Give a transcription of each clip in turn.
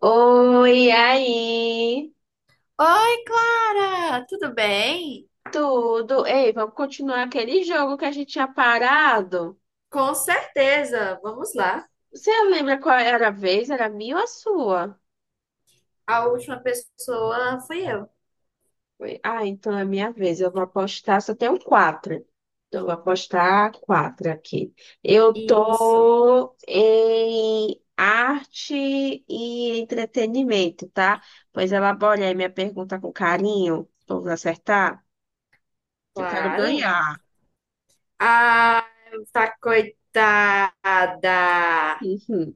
Oi, aí, Oi, Clara! Tudo bem? tudo? Ei, vamos continuar aquele jogo que a gente tinha parado? Com certeza! Vamos lá. Você lembra qual era a vez? Era a minha ou a sua? A última pessoa fui eu. Ah, então é minha vez. Eu vou apostar, só tenho quatro. Então, eu vou apostar quatro aqui. Eu Isso, tô em arte e entretenimento, tá? Pois elabore aí minha pergunta com carinho, pra eu acertar. Eu quero claro. ganhar. Ah, tá coitada! Uhum.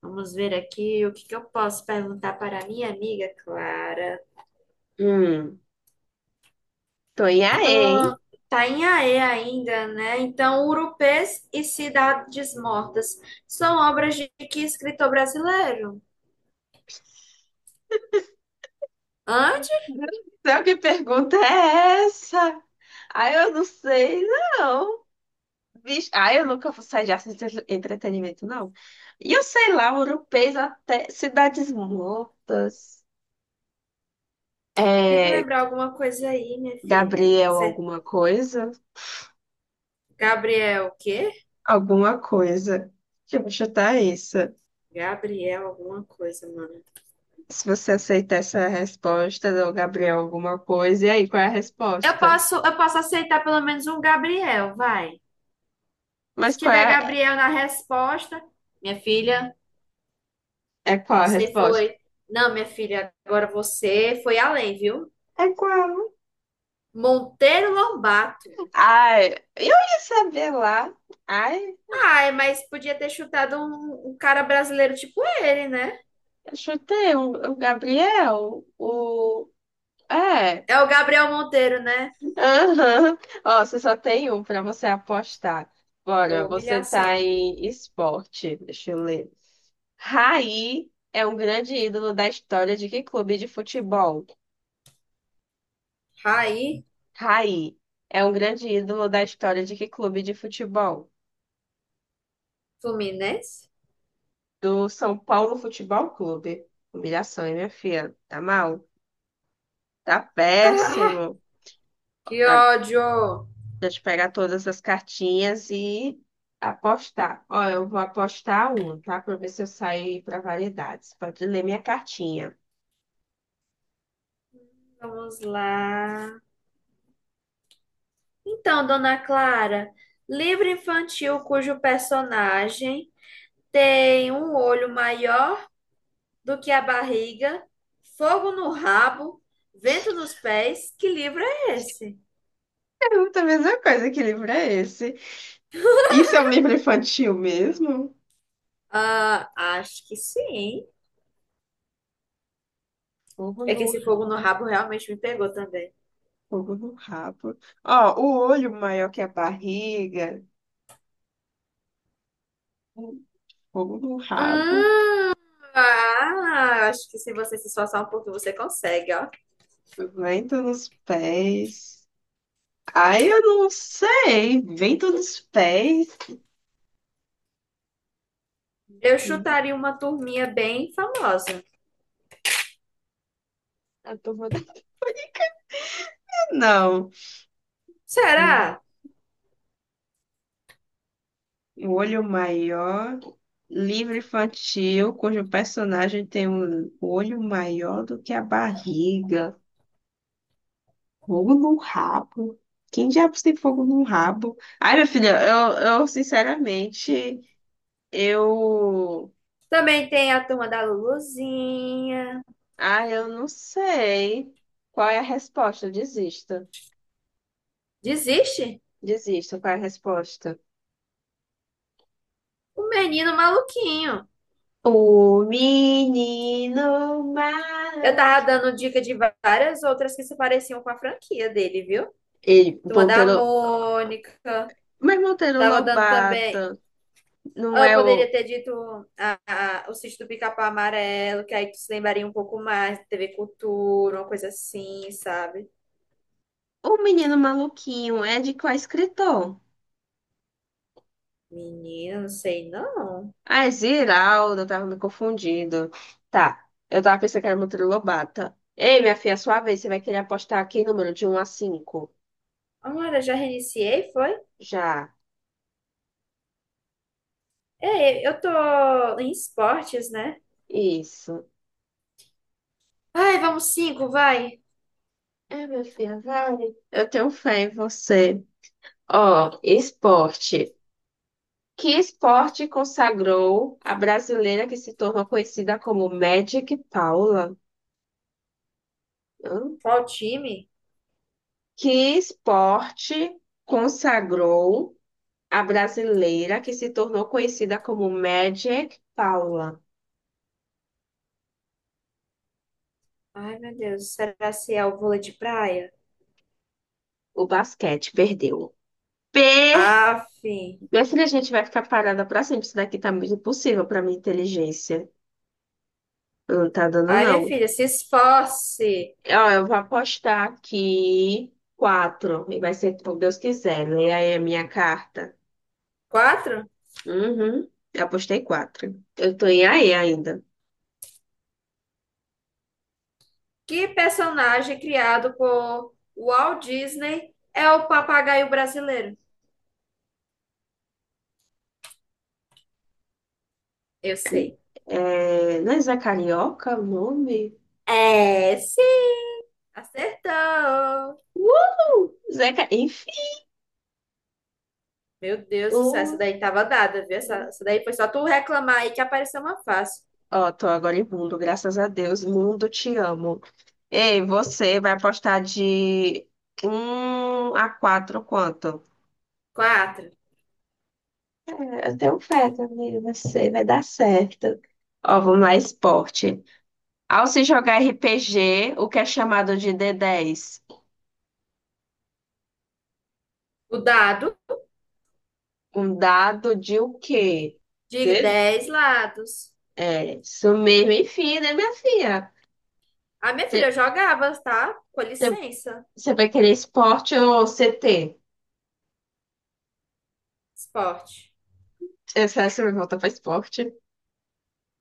Vamos ver aqui o que que eu posso perguntar para minha amiga Clara. Hum, tô em aí, hein? Tá em AE ainda, né? Então, Urupês e Cidades Mortas são obras de que escritor brasileiro? Hã? Meu Deus do céu, que pergunta é essa? Ah, eu não sei, não. Vixe, ah, eu nunca vou sair de arte e entretenimento, não. E eu sei lá, europeus até Cidades Mortas. Tenta É, lembrar alguma coisa aí, minha filha. Gabriel, alguma coisa? Gabriel, o quê? Alguma coisa. Deixa eu chutar isso. Gabriel, alguma coisa, mano. Se você aceitar essa resposta do Gabriel, alguma coisa, e aí, qual é a Eu resposta? posso, eu posso aceitar pelo menos um Gabriel, vai. Se Mas qual tiver é, Gabriel na resposta, minha filha, é qual a você resposta? foi. Não, minha filha, agora você foi além, viu? É qual? Monteiro Lobato. Ai, eu ia saber lá. Ai, Ai, mas podia ter chutado um cara brasileiro tipo ele, né? eu chutei o Gabriel. É, É o Gabriel Monteiro, né? aham. Ó, você só tem um pra você apostar. Bora, Ô, você tá humilhação. em esporte. Deixa eu ler. Raí é um grande ídolo da história de que clube de futebol? Raí Raí é um grande ídolo da história de que clube de futebol? Fluminense? Do São Paulo Futebol Clube. Humilhação, hein, minha filha? Tá mal? Tá Ah, péssimo. que ódio! Gente, pegar todas as cartinhas e apostar. Ó, eu vou apostar um, tá? Pra ver se eu saio para variedades. Pode ler minha cartinha. Vamos lá. Então, Dona Clara, livro infantil cujo personagem tem um olho maior do que a barriga, fogo no rabo, vento nos pés, que livro é esse? Pergunta a mesma coisa, que livro é esse? Isso é um livro infantil mesmo? Ah, acho que sim. Fogo É que no esse fogo rabo. no rabo realmente me pegou também. Fogo no rabo. Ó, o olho maior que a barriga. Fogo no rabo. Hum, ah, acho que se você se esforçar um pouco, você consegue, ó. Vento nos pés. Ai, eu não sei. Vento nos pés. Eu Ih, chutaria uma turminha bem famosa. Eu tô. Não. Será? O Olho Maior, livro infantil, cujo personagem tem um olho maior do que a barriga. Fogo no rabo. Quem diabos tem fogo no rabo? Ai, minha filha, eu sinceramente, eu. Também tem a turma da Luluzinha. Ah, eu não sei qual é a resposta. Desista. Desiste? Desista, qual é a resposta? Um menino maluquinho. O menino Eu maluco. tava dando dica de várias outras que se pareciam com a franquia dele, viu? Ele, Turma bom, da pelo. Mônica. Mas Monteiro Tava dando também. Lobato não Ah, eu é poderia o. ter dito a, o sítio do Pica-Pau Amarelo, que aí tu se lembraria um pouco mais, TV Cultura, uma coisa assim, sabe? O Menino Maluquinho é de qual escritor? Menina, não sei não. Ah, é Ziraldo, eu tava me confundindo. Tá, eu tava pensando que era Monteiro Lobato. Ei, minha filha, sua vez, você vai querer apostar aqui número de um a cinco. Agora, já reiniciei, foi? Já. É, eu tô em esportes, né? Isso. Ai, vamos cinco, vai. É, minha filha, vale. Eu tenho fé em você. Ó, esporte. Que esporte consagrou a brasileira que se tornou conhecida como Magic Paula? Hã? Qual time? Que esporte consagrou a brasileira que se tornou conhecida como Magic Paula. Ai, meu Deus, será se é o vôlei de praia? O basquete perdeu. P. Aff. Minha filha, a gente vai ficar parada pra sempre. Isso daqui tá muito impossível pra minha inteligência. Não tá dando, Ai, minha não. filha, se esforce. Ó, eu vou apostar aqui quatro. E vai ser como Deus quiser. Lê aí a minha carta. Quatro? Uhum. Eu apostei quatro. Eu tô em aí ainda. Que personagem criado por Walt Disney é o papagaio brasileiro? Eu sei. Não é Zé Carioca o nome? É, sim. Acertou. Zeca, enfim. Meu Deus do céu, essa Um, daí tava dada, viu? Essa daí foi só tu reclamar aí que apareceu uma fácil. Ó, tô agora em mundo, graças a Deus. Mundo, te amo. Ei, você vai apostar de um a 4 quanto? Quatro. Eu tenho fé também, você vai dar certo. Ó, vamos lá, esporte. Ao se jogar RPG, o que é chamado de d10? O dado Um dado de o quê? de D. 10 lados. É, isso mesmo, enfim, né, minha filha? Ah, minha Você filha, eu jogava, tá? Com licença. você vai querer esporte ou CT? Esporte. Essa você vai voltar para esporte.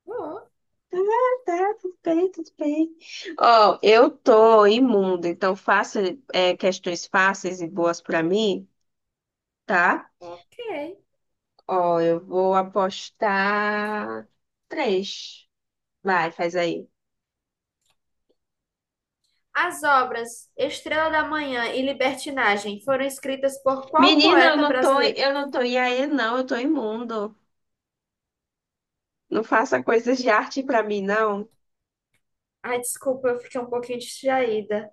Bom, Ah, tá, tudo bem, tudo bem. Ó, eu tô imunda, então faça questões fáceis e boas pra mim, tá? ok. Ó, eu vou apostar três. Vai, faz aí. As obras Estrela da Manhã e Libertinagem foram escritas por qual Menina, eu poeta não tô, brasileiro? eu não tô em aí, não, eu tô imundo. Não faça coisas de arte pra mim, não. Ai, desculpa, eu fiquei um pouquinho distraída.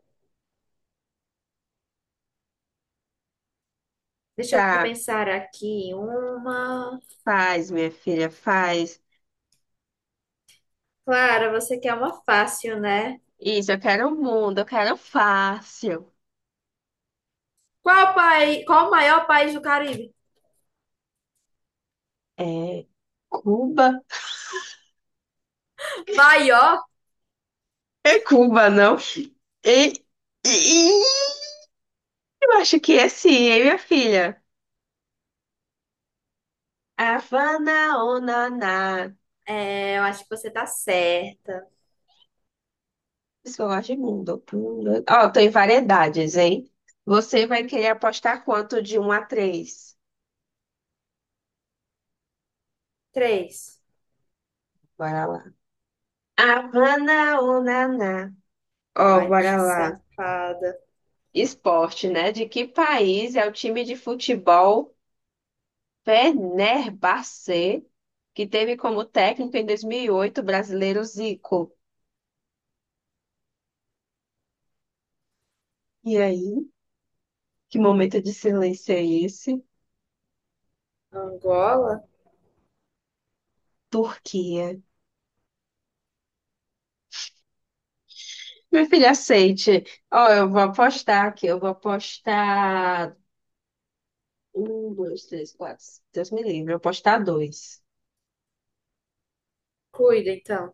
Deixa eu Tá, pensar aqui. Uma. faz, minha filha, faz. Clara, você quer uma fácil, né? Isso, eu quero o mundo, eu quero fácil. Qual país, qual o maior país do Caribe? É, Cuba. Maior? É Cuba, não? E, e- eu acho que é sim, hein, minha filha? Havana, onaná. Por É, eu acho que você tá certa. Isso que eu gosto de mundo. Ó, tem variedades, hein? Você vai querer apostar quanto de um a três? Três. Bora lá. Havana, onaná. Ó, Ai, bora bicho lá. safada. Esporte, né? De que país é o time de futebol Fenerbahçe, que teve como técnico em 2008 o brasileiro Zico? E aí? Que momento de silêncio é esse? Angola? Turquia. Meu filho, aceite. Ó, eu vou apostar aqui. Eu vou apostar. Um, dois, três, quatro. Deus me livre. Eu vou apostar dois. Cuida, então.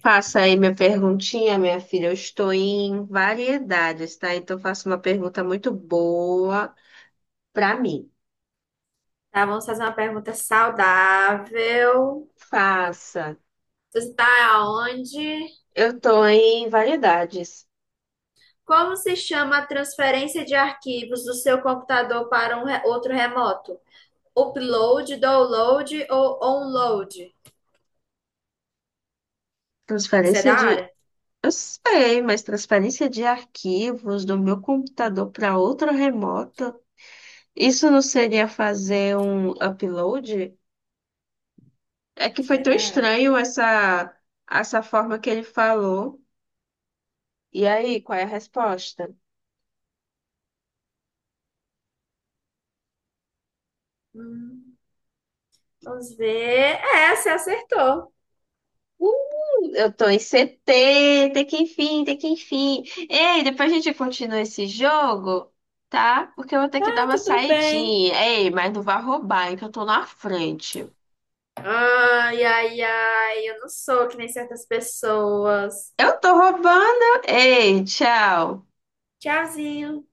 Passa aí minha perguntinha, minha filha. Eu estou em variedades, tá? Então, faça uma pergunta muito boa para mim. Tá, vamos fazer uma pergunta saudável. Faça. Você tá aonde? Eu estou em variedades. Como se chama a transferência de arquivos do seu computador para um outro remoto? Upload, download ou onload? Você é Transferência da de. área? Eu sei, mas transferência de arquivos do meu computador para outro remoto. Isso não seria fazer um upload? É que foi tão Será? estranho essa forma que ele falou. E aí, qual é a resposta? Hum, vamos ver. É, você acertou. Uh, eu tô em CT, tem que enfim. Ei, depois a gente continua esse jogo, tá? Porque eu vou ter que dar Ah, uma tudo bem. saidinha. Ei, mas não vá roubar, hein, que eu tô na frente. Ai, ai, ai, eu não sou que nem certas pessoas. Eu tô roubando? Ei, tchau. Tchauzinho.